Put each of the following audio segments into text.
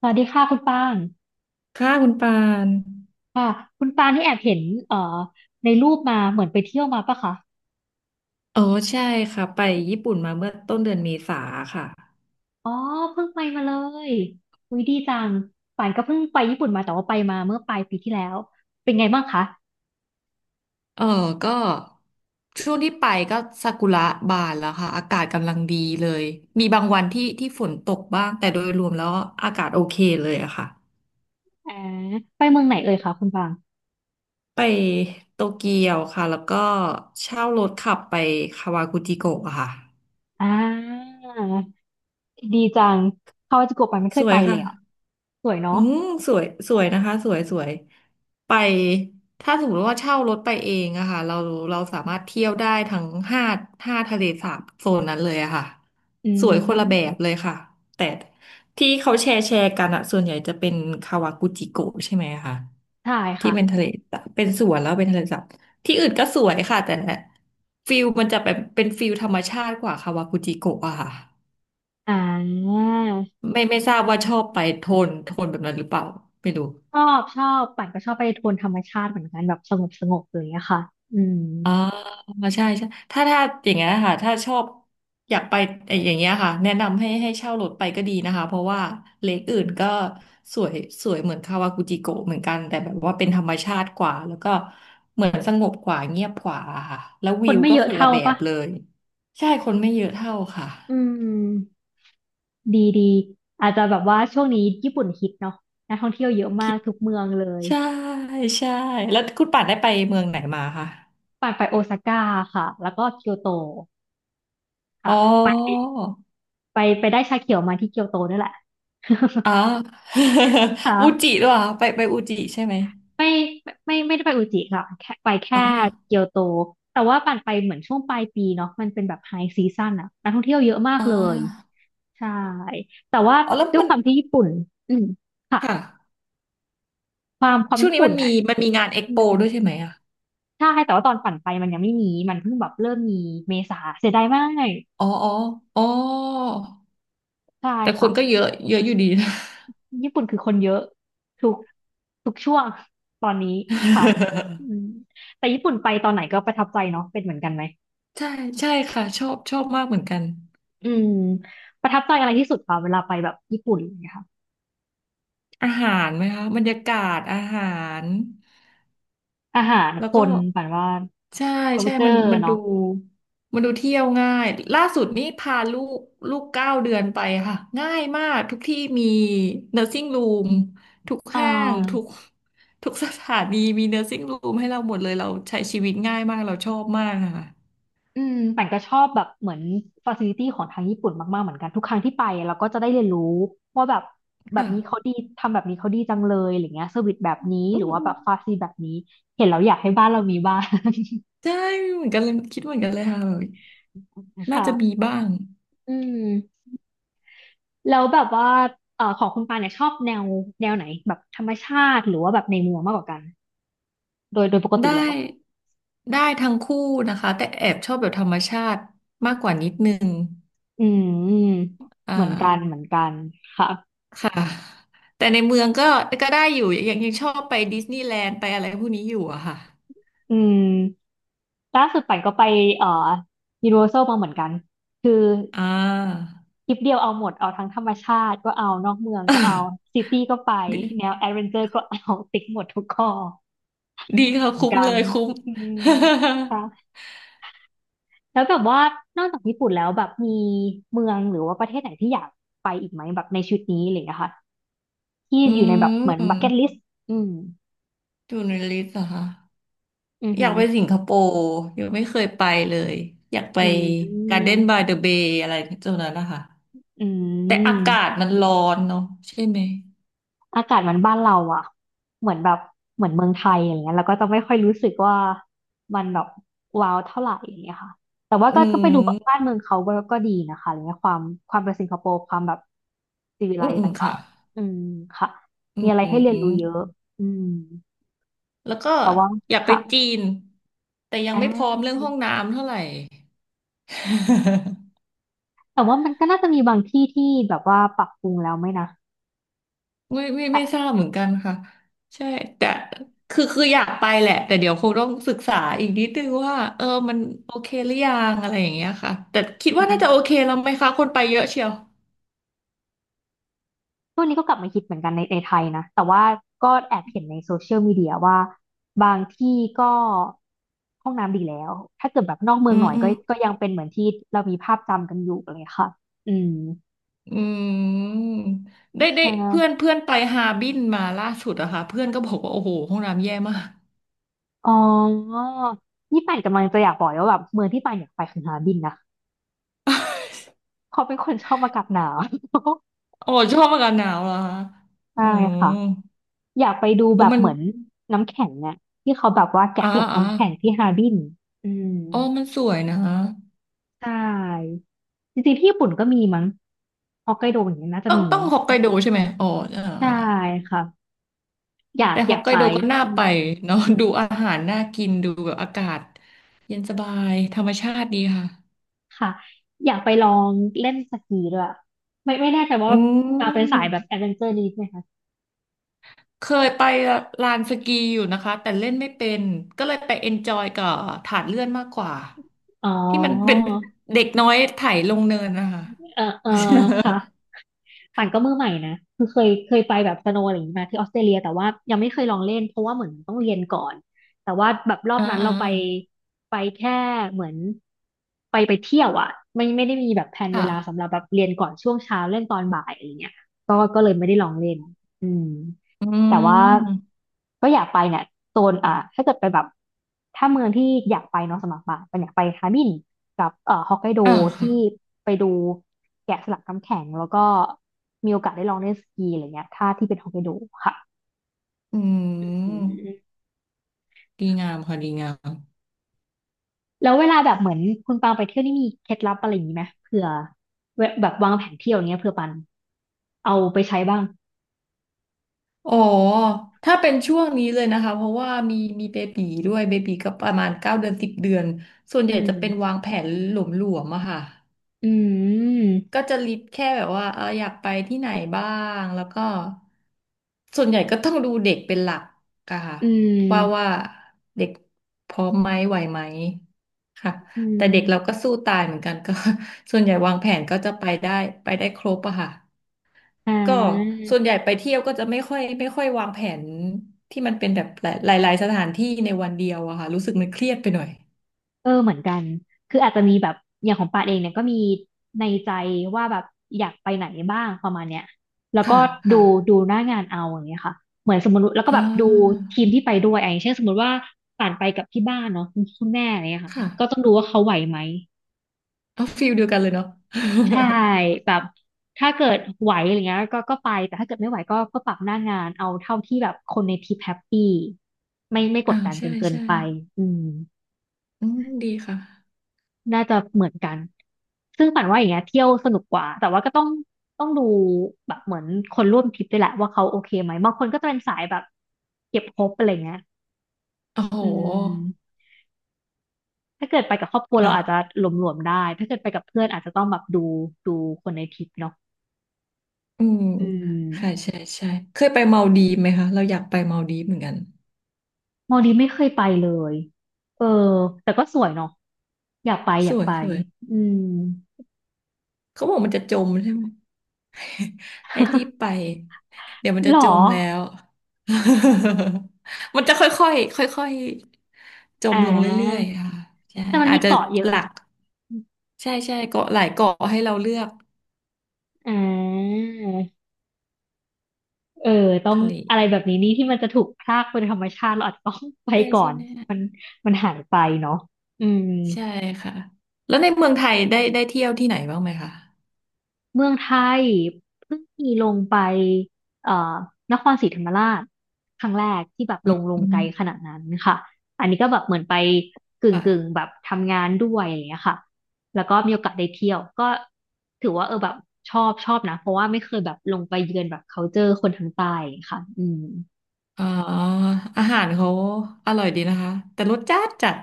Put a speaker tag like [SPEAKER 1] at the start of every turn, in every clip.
[SPEAKER 1] สวัสดีค่ะคุณปาง
[SPEAKER 2] ค่ะคุณปาน
[SPEAKER 1] ค่ะคุณปางที่แอบเห็นเอ่อในรูปมาเหมือนไปเที่ยวมาปะคะ
[SPEAKER 2] เออใช่ค่ะไปญี่ปุ่นมาเมื่อต้นเดือนเมษาค่ะ
[SPEAKER 1] อ๋อเพิ่งไปมาเลยอุ้ยดีจังป่านก็เพิ่งไปญี่ปุ่นมาแต่ว่าไปมาเมื่อปลายปีที่แล้วเป็นไงบ้างคะ
[SPEAKER 2] เออก็ช่วงที่ไปก็ซากุระบานแล้วค่ะอากาศกำลังดีเลยมีบางวันที่ฝนตกบ้างแต่โดยรวมแล้วอากาศโอเคเลยอะค่ะ
[SPEAKER 1] แอมไปเมืองไหนเอ่ยคะคุณปาง
[SPEAKER 2] ไปโตเกียวค่ะแล้วก็เช่ารถขับไปคาวากุจิโกะอะค่ะ
[SPEAKER 1] อ่าดีจังคาวาจิโกะป่านไม่เค
[SPEAKER 2] ส
[SPEAKER 1] ย
[SPEAKER 2] ว
[SPEAKER 1] ไป
[SPEAKER 2] ย
[SPEAKER 1] เล
[SPEAKER 2] ค่ะ
[SPEAKER 1] ยอ่ะสวย
[SPEAKER 2] อื
[SPEAKER 1] เนาะ
[SPEAKER 2] มสวยสวยนะคะสวยสวยไปถ้าสมมติว่าเช่ารถไปเองอะค่ะเราสามารถเที่ยวได้ทั้งห้าห้าทะเลสาบโซนนั้นเลยอะค่ะ
[SPEAKER 1] อื
[SPEAKER 2] สวยคนละแบบ
[SPEAKER 1] ม
[SPEAKER 2] เลยค่ะแต่ที่เขาแชร์กันอะส่วนใหญ่จะเป็นคาวากุจิโกะใช่ไหมคะ
[SPEAKER 1] ใช่
[SPEAKER 2] ที่
[SPEAKER 1] ค่ะ
[SPEAKER 2] เป็นทะเลสาบเป็นสวนแล้วเป็นทะเลสาบที่อื่นก็สวยค่ะแต่ฟิลมันจะแบบเป็นฟิลธรรมชาติกว่าคาวากุจิโกะอะค่ะ
[SPEAKER 1] อ่า
[SPEAKER 2] ไม่ทราบว่าชอบไปโทนโทนแบบนั้นหรือเปล่าไม่รู้
[SPEAKER 1] ชอบปั่นก็ชอบไปโทนธรรมชาติเหมือนกันแบบสงบสงบเลยอะค่ะอืม
[SPEAKER 2] อ๋าใช่ใช่ถ้าอย่างเงี้ยค่ะถ้าชอบอยากไปอย่างเงี้ยค่ะแนะนำให้เช่ารถไปก็ดีนะคะเพราะว่าเลคอื่นก็สวยสวยเหมือนคาวากุจิโกะเหมือนกันแต่แบบว่าเป็นธรรมชาติกว่าแล้วก็เหมือนสงบกว่าเงียบกว่าค่ะแล้ว
[SPEAKER 1] ค
[SPEAKER 2] วิ
[SPEAKER 1] น
[SPEAKER 2] ว
[SPEAKER 1] ไม่
[SPEAKER 2] ก็
[SPEAKER 1] เยอะ
[SPEAKER 2] คนละ
[SPEAKER 1] เท่า
[SPEAKER 2] แบ
[SPEAKER 1] ปะ
[SPEAKER 2] บเลยใช่คนไม่เยอะเท่าค่ะ
[SPEAKER 1] อืมดีดีอาจจะแบบว่าช่วงนี้ญี่ปุ่นฮิตเนาะนักท่องเที่ยวเยอะมา
[SPEAKER 2] คิ
[SPEAKER 1] ก
[SPEAKER 2] ด
[SPEAKER 1] ทุกเมืองเลย
[SPEAKER 2] ใช่ใช่แล้วคุณป่านได้ไปเมืองไหนมาคะ
[SPEAKER 1] ปั่นไปโอซาก้าค่ะแล้วก็เกียวโต
[SPEAKER 2] อ๋
[SPEAKER 1] ค่ะ
[SPEAKER 2] อ
[SPEAKER 1] ไปไปได้ชาเขียวมาที่เกียวโตนี่แหละ
[SPEAKER 2] อ๋อ
[SPEAKER 1] ค
[SPEAKER 2] อุจิ
[SPEAKER 1] ่ะ
[SPEAKER 2] ด้วยเหรอไปอุจิใช่ไหม
[SPEAKER 1] ไม่ไม่ได้ไปอุจิค่ะแค่ไปแค่
[SPEAKER 2] อ๋อ
[SPEAKER 1] เกียวโตแต่ว่าปั่นไปเหมือนช่วงปลายปีเนาะมันเป็นแบบไฮซีซั o นอะนักท่องเที่ยวเยอะมาก
[SPEAKER 2] อ่
[SPEAKER 1] เลย
[SPEAKER 2] า
[SPEAKER 1] ใช่แต่ว่า
[SPEAKER 2] อ๋อแล้ว
[SPEAKER 1] ด้วย
[SPEAKER 2] มัน
[SPEAKER 1] ความที่ญี่ปุ่นอืมค่ะ
[SPEAKER 2] ค่ะ
[SPEAKER 1] ความ
[SPEAKER 2] ช่วง
[SPEAKER 1] ญี่
[SPEAKER 2] นี้
[SPEAKER 1] ปุ่
[SPEAKER 2] มั
[SPEAKER 1] น
[SPEAKER 2] นมี
[SPEAKER 1] อะ
[SPEAKER 2] มันมีงานเอ็ก
[SPEAKER 1] อื
[SPEAKER 2] โป
[SPEAKER 1] ม
[SPEAKER 2] ด้วยใช่ไหมอ่ะ
[SPEAKER 1] ใช่แต่ว่าตอนปั่นไปมันยังไม่มีมันเพิ่งแบบเริ่มมีเมษาเสียดายมาก
[SPEAKER 2] อ๋ออ๋อ อ๋อ
[SPEAKER 1] ใช่
[SPEAKER 2] แต่ค
[SPEAKER 1] ค่ะ
[SPEAKER 2] นก็เยอะ เยอะอยู่ดีนะ
[SPEAKER 1] ญี่ปุ่นคือคนเยอะทุกทุกช่วงตอนนี้ค่ะอืม แต่ญี่ปุ่นไปตอนไหนก็ประทับใจเนาะเป็นเหมือนกันไหม
[SPEAKER 2] ใช่ ใช่ค่ะ ชอบ ชอบมากเหมือนกัน
[SPEAKER 1] อืมประทับใจอะไรที่สุดคะเวลาไปแบบญี่ปุ่นอย่างเงี้ยค่ะ
[SPEAKER 2] อาหารไหมคะบรรยากาศอาหาร
[SPEAKER 1] อาหาร
[SPEAKER 2] แล้
[SPEAKER 1] ค
[SPEAKER 2] วก็
[SPEAKER 1] นปันว่า
[SPEAKER 2] ใช่ใช่มัน
[SPEAKER 1] culture
[SPEAKER 2] มันดู
[SPEAKER 1] เนาะ
[SPEAKER 2] มันดูเที่ยวง่ายล่าสุดนี่พาลูกเก้าเดือนไปค่ะง่ายมากทุกที่มี nursing room ทุก
[SPEAKER 1] อ่
[SPEAKER 2] ห้างทุก
[SPEAKER 1] า
[SPEAKER 2] ทุกสถานีมี nursing room ให้เราหมดเลยเราใช้ชีวิตง่ายมากเราชอบมากค่ะ
[SPEAKER 1] อืมแต่ก็ชอบแบบเหมือนฟ a ซิลิตี้ของทางญี่ปุ่นมากๆเหมือนกันทุกครั้งที่ไปเราก็จะได้เรียนรู้ว่าแบบแบบ
[SPEAKER 2] ค่ะ
[SPEAKER 1] นี้เขาดีทำแบบนี้เขาดีจังเลยอะไรเงี้ยเซอร์วิสแบบนี้
[SPEAKER 2] อื
[SPEAKER 1] หรือ
[SPEAKER 2] ม
[SPEAKER 1] ว่า
[SPEAKER 2] อื
[SPEAKER 1] แบ
[SPEAKER 2] ม
[SPEAKER 1] บฟาซิลิตี้แบบนี้เห็นแล้วอยากให้บ้านเรามีบ้าง
[SPEAKER 2] ใช่เหมือนกันเลยคิดเหมือนกันเลยค่ะแบบ น่าจะมี
[SPEAKER 1] ค่ะ
[SPEAKER 2] บ้าง
[SPEAKER 1] อืมแล้วแบบว่าของคุณปาเนี่ยชอบแนวแนวไหนแบบธรรมชาติหรือว่าแบบในเมืองมากกว่ากันโดยปกติ
[SPEAKER 2] ได้
[SPEAKER 1] แล้ว
[SPEAKER 2] ได้ทั้งคู่นะคะแต่แอบชอบแบบธรรมชาติมากกว่านิดนึง
[SPEAKER 1] อืม
[SPEAKER 2] อ่า
[SPEAKER 1] เหมือนกันเหมือนกันค่ะ
[SPEAKER 2] ค่ะแต่ในเมืองก็ก็ได้อยู่ยังชอบไปดิสนีย์แลนด์ไปอะไรพวกนี้อยู่อะค่ะ
[SPEAKER 1] อืมล่าสุดปันก็ไปเอ่อ u n i v e r s ซ l มาเหมือนกันคือ
[SPEAKER 2] อ่า
[SPEAKER 1] ทริปเดียวเอาหมดเอาทั้งธรรมชาติก็เอานอกเมืองก็เอาซิตี้ก็ไป
[SPEAKER 2] ดี
[SPEAKER 1] แนวแอดเวนเจอร์ก็เอาติ๊กหมดทุกข้อ
[SPEAKER 2] ดีค่ะ
[SPEAKER 1] เหมือน
[SPEAKER 2] คุ้ม
[SPEAKER 1] กั
[SPEAKER 2] เล
[SPEAKER 1] น
[SPEAKER 2] ยคุ้ม
[SPEAKER 1] อืมค่ะแล้วแบบว่านอกจากญี่ปุ่นแล้วแบบมีเมืองหรือว่าประเทศไหนที่อยากไปอีกไหมแบบในชีวิตนี้อะไรอย่างเงี้ยค่ะที่
[SPEAKER 2] อื
[SPEAKER 1] อยู่ในแบบเหมือน
[SPEAKER 2] ม
[SPEAKER 1] บักเก็ตลิสต์อืม
[SPEAKER 2] อยู่ในลิสต์เหรอคะ
[SPEAKER 1] อือ
[SPEAKER 2] อ
[SPEAKER 1] หื
[SPEAKER 2] ยาก
[SPEAKER 1] อ
[SPEAKER 2] ไปสิงคโปร์ยังไม่เคยไปเลยอยากไป
[SPEAKER 1] อื
[SPEAKER 2] การ์
[SPEAKER 1] ม
[SPEAKER 2] เด้นบายเดอะเบย์อะไรตรงนั้นนะคะ
[SPEAKER 1] อื
[SPEAKER 2] แต่อากาศ
[SPEAKER 1] ม
[SPEAKER 2] มันร้อนเนาะใช่ไหม
[SPEAKER 1] อากาศมันบ้านเราอะเหมือนแบบเหมือนเมืองไทยอย่างเงี้ยแล้วก็จะไม่ค่อยรู้สึกว่ามันแบบว้าวเท่าไหร่อย่างเงี้ยค่ะแต่ว่า
[SPEAKER 2] อื
[SPEAKER 1] ก็ไปดูบ้าน
[SPEAKER 2] ม
[SPEAKER 1] เมืองเขาก็ดีนะคะอะไรเงี้ยความความเป็นสิงคโปร์ความแบบสิวิไล
[SPEAKER 2] อืม
[SPEAKER 1] ซ์
[SPEAKER 2] อืม
[SPEAKER 1] ต่า
[SPEAKER 2] ค่ะ
[SPEAKER 1] งๆอืมค่ะ
[SPEAKER 2] อื
[SPEAKER 1] มีอะไรให้เรียนรู้เยอะ
[SPEAKER 2] ม
[SPEAKER 1] อืม
[SPEAKER 2] แล้วก็
[SPEAKER 1] แต่ว่า
[SPEAKER 2] อยากไป
[SPEAKER 1] ค่ะ
[SPEAKER 2] จีนแต่ยัง
[SPEAKER 1] อ่า
[SPEAKER 2] ไม่พร้อมเรื่องห้องน้ำเท่าไหร่
[SPEAKER 1] แต่ว่ามันก็น่าจะมีบางที่ที่แบบว่าปรับปรุงแล้วไหมนะ
[SPEAKER 2] ไม่ไม่
[SPEAKER 1] แต่
[SPEAKER 2] ไม่ทราบเหมือนกันค่ะใช่แต่คืออยากไปแหละแต่เดี๋ยวคงต้องศึกษาอีกนิดนึงว่าเออมันโอเคหรือยังอะไรอย่างเงี้ยค่ะแต่คิ
[SPEAKER 1] อื
[SPEAKER 2] ดว่าน่า
[SPEAKER 1] ม
[SPEAKER 2] จะโอเคแล้วไหมคะคนไปเยอะเชียว
[SPEAKER 1] ช่วงนี้ก็กลับมาคิดเหมือนกันในไทยนะแต่ว่าก็แอบเห็นในโซเชียลมีเดียว่าบางที่ก็ห้องน้ำดีแล้วถ้าเกิดแบบนอกเมื
[SPEAKER 2] อื
[SPEAKER 1] องห
[SPEAKER 2] ม
[SPEAKER 1] น่อย
[SPEAKER 2] อื
[SPEAKER 1] ก็
[SPEAKER 2] ม
[SPEAKER 1] ก็ยังเป็นเหมือนที่เรามีภาพจำกันอยู่อะไรเลยค่ะอืม
[SPEAKER 2] อืมได้ได้
[SPEAKER 1] ใช่ไหม
[SPEAKER 2] เพื่อนเพื่อนไปฮาร์บินมาล่าสุดอะค่ะเพื่อนก็บอกว่าโอ้โหห้องน้ำแย่มาก
[SPEAKER 1] อ๋อนี่ป่านกำลังจะอยากบอกเลยว่าแบบเมืองที่ป่านอยากไปคือฮาร์บินนะ เพราะเป็นคนชอบอากาศหนาว
[SPEAKER 2] โอ้ชอบอากาศหนาวเหรอคะ อื
[SPEAKER 1] ใช่
[SPEAKER 2] ม
[SPEAKER 1] ค่ะอยากไปดู
[SPEAKER 2] โอ้
[SPEAKER 1] แบบ
[SPEAKER 2] มัน
[SPEAKER 1] เหมือนน้ำแข็งเนี่ยที่เขาแบบว่าแกะ
[SPEAKER 2] อ่า
[SPEAKER 1] สลัก
[SPEAKER 2] อ่า
[SPEAKER 1] น้ำแข็งที่ฮาร์บินอืม
[SPEAKER 2] อ๋อมันสวยนะ
[SPEAKER 1] ใช่จริงๆที่ญี่ปุ่นก็มีมั้งฮอกไกโดอย่างเงี้ยน่าจะ
[SPEAKER 2] ต้อง
[SPEAKER 1] มี
[SPEAKER 2] ต้องฮอกไกโดใช่ไหมอ๋ออ่า
[SPEAKER 1] ใช่
[SPEAKER 2] อ่า
[SPEAKER 1] ค่ะอยาก
[SPEAKER 2] แต่ฮ
[SPEAKER 1] อ
[SPEAKER 2] อ
[SPEAKER 1] ยา
[SPEAKER 2] ก
[SPEAKER 1] ก
[SPEAKER 2] ไก
[SPEAKER 1] ไป
[SPEAKER 2] โดก็น่า
[SPEAKER 1] อื
[SPEAKER 2] ไป
[SPEAKER 1] ม
[SPEAKER 2] เนาะ ดูอาหารน่ากิน ดูแบบอากาศเย็นสบายธรรมชาติดีค่ะ
[SPEAKER 1] ค่ะอยากไปลองเล่นสกีด้วยไม่แน่ใจว่า
[SPEAKER 2] อื
[SPEAKER 1] อ่าเป็นสาย
[SPEAKER 2] ม
[SPEAKER 1] แบบแอดเวนเจอร์นี้ไหมคะ
[SPEAKER 2] เคยไปลานสกีอยู่นะคะ แต่เล่นไม่เป็น ก็เลยไปเอนจอยกับถาดเลื่อนมากกว่า
[SPEAKER 1] อ๋อ
[SPEAKER 2] ที่มันเป็นเด็กน้อยไถลงเนินนะคะ
[SPEAKER 1] เออเออค่ะ ปั่นก็มือใหม่นะคือเคยไปแบบสโนว์อะไรอย่างนี้มาที่ออสเตรเลียแต่ว่ายังไม่เคยลองเล่นเพราะว่าเหมือนต้องเรียนก่อนแต่ว่าแบบรอ บ
[SPEAKER 2] อ่า
[SPEAKER 1] นั้น
[SPEAKER 2] อ่า
[SPEAKER 1] เราไปไปแค่เหมือนไปไปเที่ยวอ่ะไม่ได้มีแบบแผนเว
[SPEAKER 2] ค่ะ
[SPEAKER 1] ลาสำหรับแบบเรียนก่อนช่วงเช้าเล่นตอนบ่ายอะไรเงี้ยก็เลยไม่ได้ลองเล่นอืม
[SPEAKER 2] อื
[SPEAKER 1] แต่ว่า
[SPEAKER 2] ม
[SPEAKER 1] ก็อยากไปเนี่ยโซนถ้าเกิดไปแบบถ้าเมืองที่อยากไปเนาะสำหรับปะมันอยากไปฮามินกับฮอกไกโด
[SPEAKER 2] อ่าค่ะ
[SPEAKER 1] ที่ไปดูแกะสลักน้ำแข็งแล้วก็มีโอกาสได้ลองเล่นสกีอะไรเงี้ยถ้าที่เป็นฮอกไกโดค่ะ
[SPEAKER 2] อื
[SPEAKER 1] อื
[SPEAKER 2] ม
[SPEAKER 1] ม
[SPEAKER 2] ดีงามค่ะดีงาม
[SPEAKER 1] แล้วเวลาแบบเหมือนคุณปางไปเที่ยวนี่มีเคล็ดลับอะไรอย่างนี้ไหมเผื่อเวแบบวางแผนเที่ยวอย่างเงี้ยเผื่อปันเอาไปใช้บ้าง
[SPEAKER 2] อ๋อถ้าเป็นช่วงนี้เลยนะคะเพราะว่ามีเบบีด้วยเบบีก็ประมาณเก้าเดือน10 เดือนส่วนให
[SPEAKER 1] อื
[SPEAKER 2] ญ่จะ
[SPEAKER 1] ม
[SPEAKER 2] เป็นวางแผนหลวมๆอะค่ะ
[SPEAKER 1] อืม
[SPEAKER 2] ก็จะลิสต์แค่แบบว่าเอออยากไปที่ไหนบ้างแล้วก็ส่วนใหญ่ก็ต้องดูเด็กเป็นหลักอะค่ะ
[SPEAKER 1] อื
[SPEAKER 2] ว่า
[SPEAKER 1] ม
[SPEAKER 2] ว่าเด็กพร้อมไหมไหวไหมค่ะ
[SPEAKER 1] อื
[SPEAKER 2] แต่เด็กเรา
[SPEAKER 1] ม
[SPEAKER 2] ก็สู้ตายเหมือนกันก็ ส่วนใหญ่วางแผนก็จะไปได้ครบอะค่ะ
[SPEAKER 1] อ่
[SPEAKER 2] ก็ส่
[SPEAKER 1] า
[SPEAKER 2] วนใหญ่ไปเที่ยวก็จะไม่ค่อยวางแผนที่มันเป็นแบบหลายหลายๆสถานที่ในวันเดียวอะค่ะรู้สึกมันเครียดไปหน่อย
[SPEAKER 1] เออเหมือนกัน คืออาจจะมีแบบอย่างของปาเองเนี่ยก็มีในใจว่าแบบอยากไปไหนบ้างประมาณเนี้ยแล้วก็
[SPEAKER 2] ค่ะ
[SPEAKER 1] ดู
[SPEAKER 2] ค่ะ
[SPEAKER 1] ดูหน้างานเอาอย่างเงี้ยค่ะเหมือนสมมติแล้วก็
[SPEAKER 2] อ่
[SPEAKER 1] แบบดู
[SPEAKER 2] า
[SPEAKER 1] ทีมที่ไปด้วยอะอย่างเช่นสมมติว่าป่านไปกับที่บ้านเนาะคุณแม่อะไรเงี้ยค่ะก็ต้
[SPEAKER 2] ค่ะ
[SPEAKER 1] องดูว่าเขาไหวไหม
[SPEAKER 2] เอาฟิลเดียวกันเลยเนาะ
[SPEAKER 1] ใช่แบบถ้าเกิดไหวอะไรเงี้ยก็ก็ไปแต่ถ้าเกิดไม่ไหวก็ก็ปรับหน้างานเอาเท่าที่แบบคนในทีมแฮปปี้ไม่ ก
[SPEAKER 2] อ่า
[SPEAKER 1] ดดันกั
[SPEAKER 2] ใช่
[SPEAKER 1] นเกิน
[SPEAKER 2] ใช่
[SPEAKER 1] ไปอืม
[SPEAKER 2] อืมดีค่ะ
[SPEAKER 1] น่าจะเหมือนกัน ซึ่งปั่นว่าอย่างเงี้ยเที่ยวสนุกกว่า แต่ว่าก็ต้องต้องดูแบบเหมือนคนร่วมทริปด้วยแหละว่าเขาโอเคไหมบางคนก็จะเป็นสายแบบเก็บครบอะไรเงี้ย
[SPEAKER 2] โอ้โห
[SPEAKER 1] อืมถ้าเกิดไปกับครอบครัวเราอาจจะ
[SPEAKER 2] ค่ะ
[SPEAKER 1] หลวมๆได้ถ้าเกิดไปกับเพื่อนอาจจะต้องแบบดูดูคนในทริปเนาะ
[SPEAKER 2] อืม
[SPEAKER 1] อื
[SPEAKER 2] ค่ะใช่
[SPEAKER 1] ม
[SPEAKER 2] ใช่เคยไปเมาดีฟไหมคะเราอยากไปเมาดีฟเหมือนกัน
[SPEAKER 1] มอลดีฟไม่เคยไปเลยเออแต่ก็สวยเนาะอยากไปอ
[SPEAKER 2] ส
[SPEAKER 1] ยาก
[SPEAKER 2] วย
[SPEAKER 1] ไป
[SPEAKER 2] สวย
[SPEAKER 1] อืม
[SPEAKER 2] เขาบอกมันจะจมใช่ไหม ให้รีบไปเดี๋ยวมัน
[SPEAKER 1] ห
[SPEAKER 2] จะ
[SPEAKER 1] รอ
[SPEAKER 2] จมแล้ว มันจะค่อยๆค่อยๆจม
[SPEAKER 1] อ่า
[SPEAKER 2] ลงเรื่อยๆค่ะใช่
[SPEAKER 1] แต่มัน
[SPEAKER 2] อา
[SPEAKER 1] มี
[SPEAKER 2] จจะ
[SPEAKER 1] เกาะเย
[SPEAKER 2] ห
[SPEAKER 1] อะ
[SPEAKER 2] ลักใช่ใช่เกาะหลายเกาะให้เราเลือก
[SPEAKER 1] อ่า เออต้อง
[SPEAKER 2] ทะเล
[SPEAKER 1] อะไรแบบนี้นี่ที่มันจะถูกพรากเป็นธรรมชาติเราอาจจะต้องไป
[SPEAKER 2] ใช่
[SPEAKER 1] ก่อ
[SPEAKER 2] ใช่
[SPEAKER 1] น
[SPEAKER 2] ไหม
[SPEAKER 1] มันมันหายไปเนาะอืม
[SPEAKER 2] ใช่ค่ะแล้วในเมืองไทยได้เที่ยวที่ไหนบ้างไหมคะ
[SPEAKER 1] เมืองไทยเพิ่งมีลงไปเอ่อนครศรีธรรมราชครั้งแรกที่แบบ
[SPEAKER 2] อื
[SPEAKER 1] ล
[SPEAKER 2] ม
[SPEAKER 1] งล
[SPEAKER 2] อื
[SPEAKER 1] งไก
[SPEAKER 2] ม
[SPEAKER 1] ลขนาดนั้นค่ะอันนี้ก็แบบเหมือนไปกึ่งกึ่ง
[SPEAKER 2] ค่ะ
[SPEAKER 1] แบบทำงานด้วยอะไรอย่างเงี้ยค่ะแล้วก็มีโอกาสได้เที่ยวก็ถือว่าเออแบบชอบชอบนะเพราะว่าไม่เคยแบบลงไปเยือนแบบ culture คนทางใต้ค่ะอืม
[SPEAKER 2] อ๋ออาหารเขาอร่อยดีนะคะแต่รสจัดจัด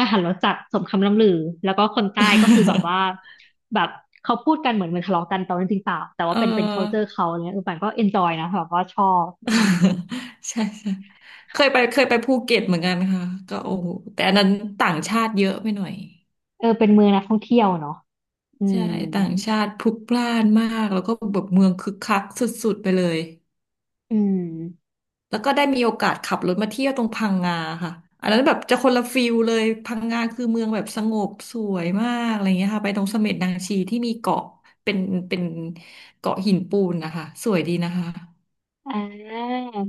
[SPEAKER 1] อาหารรสจัดสมคำล่ำลือแล้วก็คนใต้ก็คือแบบว่าแบบเขาพูดกันเหมือนเหมือนทะเลาะกันแต่ว่าจริงๆเปล่าแต่
[SPEAKER 2] เอ
[SPEAKER 1] ว่า
[SPEAKER 2] อ
[SPEAKER 1] เป็น culture เขาเนี่ยเออปันก็ enjoy นะแบบว่าชอบอืม
[SPEAKER 2] ใช่ใช่เคยไป
[SPEAKER 1] ค่ะ
[SPEAKER 2] เคยไปภูเก็ตเหมือนกันค่ะก็โอ้โหแต่อันนั้นต่างชาติเยอะไปหน่อย
[SPEAKER 1] เออเป็นเมืองนักท่องเที่ยวเนาะอื
[SPEAKER 2] ใช่
[SPEAKER 1] ม
[SPEAKER 2] ต่างชาติพลุกพล่านมากแล้วก็แบบเมืองคึกคักสุดๆไปเลย
[SPEAKER 1] อืม
[SPEAKER 2] แล้วก็ได้มีโอกาสขับรถมาเที่ยวตรงพังงาค่ะอันนั้นแบบจะคนละฟิลเลยพังงาคือเมืองแบบสงบสวยมากอะไรเงี้ยค่ะไปตรงเสม็ดนางชีที่มีเกาะเป็นเป็นเกาะหินปูนนะคะสวยดีนะคะ
[SPEAKER 1] อ่า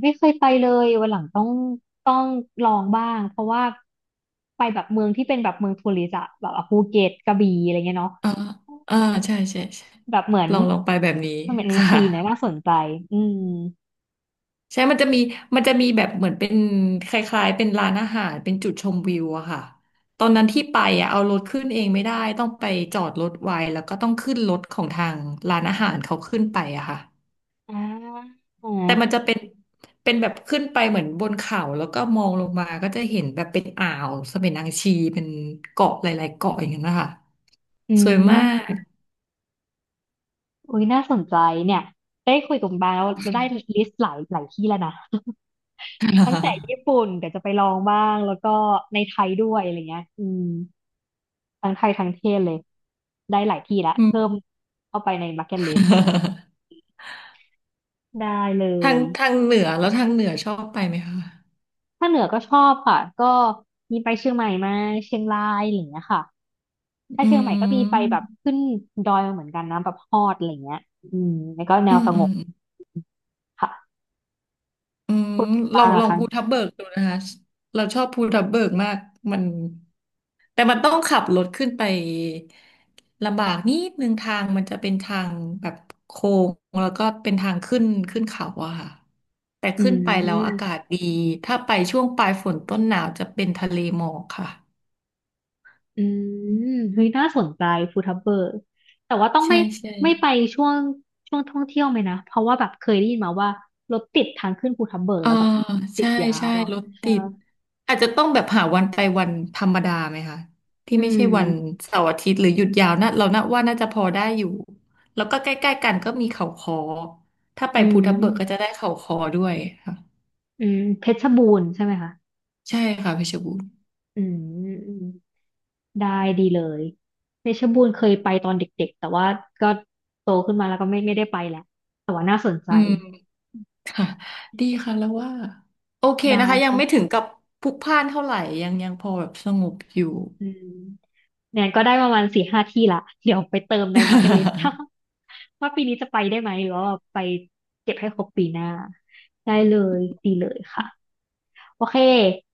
[SPEAKER 1] ไม่เคยไปเลยวันหลังต้องต้องลองบ้างเพราะว่าไปแบบเมืองที่เป็นแบบเมืองทัวริสต์อะแบบอ่ะภูเก็ตกระบี่อะไรเงี้ยเนาะ
[SPEAKER 2] อ่าอ่าใช่ใช่ใช่
[SPEAKER 1] แบบเหมือน
[SPEAKER 2] ลองลองไปแบบนี้
[SPEAKER 1] เสม็ดนาง
[SPEAKER 2] ค่ะ
[SPEAKER 1] ชีนะน่าสนใจอืม
[SPEAKER 2] ใช่มันจะมีมันจะมีแบบเหมือนเป็นคล้ายๆเป็นร้านอาหาร เป็นจุดชมวิวอะค่ะ ตอนนั้นที่ไปอะเอารถขึ้นเองไม่ได้ต้องไปจอดรถไว้แล้วก็ต้องขึ้นรถของทางร้านอาหารเขาขึ้นไปอะค่ะ
[SPEAKER 1] อ่
[SPEAKER 2] แต่มันจะ
[SPEAKER 1] า
[SPEAKER 2] เป็นเป็นแบบขึ้นไปเหมือนบนเขาแล้วก็มองลงมาก็จะเห็นแบบเป็นอ่าวเสม็นางชีเป็นเกาะหลายๆเกาะอย่างนั้นนะคะ
[SPEAKER 1] อื
[SPEAKER 2] สวยมาก
[SPEAKER 1] มอุ้ยน่าสนใจเนี่ยได้คุยกับคุณบาแล้วเราได้ลิสต์หลายหลายที่แล้วนะ ตั้งแต่ ญี่ปุ่นเดี๋ยวจะไปลองบ้างแล้วก็ในไทยด้วยอะไรเงี้ยอืมทั้งไทยทั้งเทศเลยได้หลายที่ละ
[SPEAKER 2] อืม
[SPEAKER 1] เพิ่มเข้าไปใน bucket list ได้เล
[SPEAKER 2] ทาง
[SPEAKER 1] ย
[SPEAKER 2] ทางเหนือแล้วทางเหนือชอบไปไหมคะ
[SPEAKER 1] ถ้าเหนือก็ชอบค่ะก็มีไปเชียงใหม่มาเชียงรายอะไรอย่างเงี้ยค่ะถ้า
[SPEAKER 2] อื
[SPEAKER 1] เชียงใหม่ก็มีไปแบ
[SPEAKER 2] ม
[SPEAKER 1] บขึ้นดอยมาเหมือนกันนะแบบฮอดอะไรอย่างเงี้ยอืมแล้วก็แน
[SPEAKER 2] อื
[SPEAKER 1] ว
[SPEAKER 2] ม
[SPEAKER 1] ส
[SPEAKER 2] อื
[SPEAKER 1] ง
[SPEAKER 2] ม
[SPEAKER 1] บค่ะ
[SPEAKER 2] อืม
[SPEAKER 1] คุณ
[SPEAKER 2] ล
[SPEAKER 1] บา
[SPEAKER 2] อ
[SPEAKER 1] ง
[SPEAKER 2] ง
[SPEAKER 1] เหร
[SPEAKER 2] ล
[SPEAKER 1] อะ
[SPEAKER 2] อง
[SPEAKER 1] คะ
[SPEAKER 2] ภูทับเบิกดูนะคะเราชอบภูทับเบิกมากมันแต่มันต้องขับรถขึ้นไปลำบากนิดนึงทางมันจะเป็นทางแบบโค้งแล้วก็เป็นทางขึ้นขึ้นเขาอะค่ะแต่
[SPEAKER 1] อื
[SPEAKER 2] ขึ้นไปแล้วอากา
[SPEAKER 1] ม
[SPEAKER 2] ศดีถ้าไปช่วงปลายฝนต้นหนาวจะเป็นทะเลหมอกค่ะ
[SPEAKER 1] อืมเฮ้ยน่าสนใจฟูทับเบิร์กแต่ว่าต้อง
[SPEAKER 2] ใช่
[SPEAKER 1] ไม่
[SPEAKER 2] ใช่
[SPEAKER 1] ไม่ไปช่วงช่วงท่องเที่ยวไหมนะ เพราะว่าแบบเคยได้ยินมาว่ารถติดทางขึ้นภูทับเบิก
[SPEAKER 2] เอ่า
[SPEAKER 1] แล้วแบบติด
[SPEAKER 2] ใช่
[SPEAKER 1] ยา
[SPEAKER 2] ใช่
[SPEAKER 1] วอ่ะ
[SPEAKER 2] รถ
[SPEAKER 1] ใช่
[SPEAKER 2] ติดอาจจะต้องแบบหาวันไปวันธรรมดาไหมคะที่
[SPEAKER 1] อื
[SPEAKER 2] ไม่ใช่วัน
[SPEAKER 1] ม
[SPEAKER 2] เสาร์อาทิตย์หรือหยุดยาวนะเราน่าว่าน่าจะพอได้อยู่แล้วก็ใกล้ๆกันก็มีเขาคอถ้าไป
[SPEAKER 1] อื
[SPEAKER 2] ภูทับเบิกก็จะ
[SPEAKER 1] ม
[SPEAKER 2] ได้เขาคอด้วยค่ะ
[SPEAKER 1] อืม เพชรบูรณ์ใช่ไหมคะ
[SPEAKER 2] ใช่ค่ะเพชรบูรณ์
[SPEAKER 1] อืมอืมได้ดีเลย เพชรบูรณ์เคยไปตอนเด็กๆ แต่ว่าก็โตขึ้นมาแล้วก็ไม่ได้ไปแหละ แต่ว่าน่าสนใจ
[SPEAKER 2] อืมค่ะดีค่ะแล้วว่าโอเค
[SPEAKER 1] ได้
[SPEAKER 2] นะคะยังไม่ถึ
[SPEAKER 1] ค่ะ
[SPEAKER 2] งกับพลุกพล่านเท่าไหร่ยังยังพอแบบสงบอยู่
[SPEAKER 1] อืมเนี่ยก็ได้ประมาณสี่ห้าที่ละเดี๋ยวไปเติมในบักเก็ตล s ส ว่าปีนี้จะไปได้ไหมหรือว่าไปเก็บให้ครบปีหน้าได้เลยดีเลยค่ะโอเค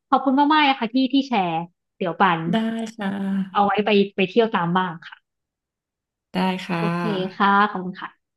[SPEAKER 1] ขอบคุณมากๆนะคะที่แชร์เดี๋ยวปัน
[SPEAKER 2] ได้ค่ะ
[SPEAKER 1] เอาไว้ไปไปเที่ยวตามบ้างค่ะ
[SPEAKER 2] ได้ค่ะ
[SPEAKER 1] โอเคค่ะขอบคุณค่ะ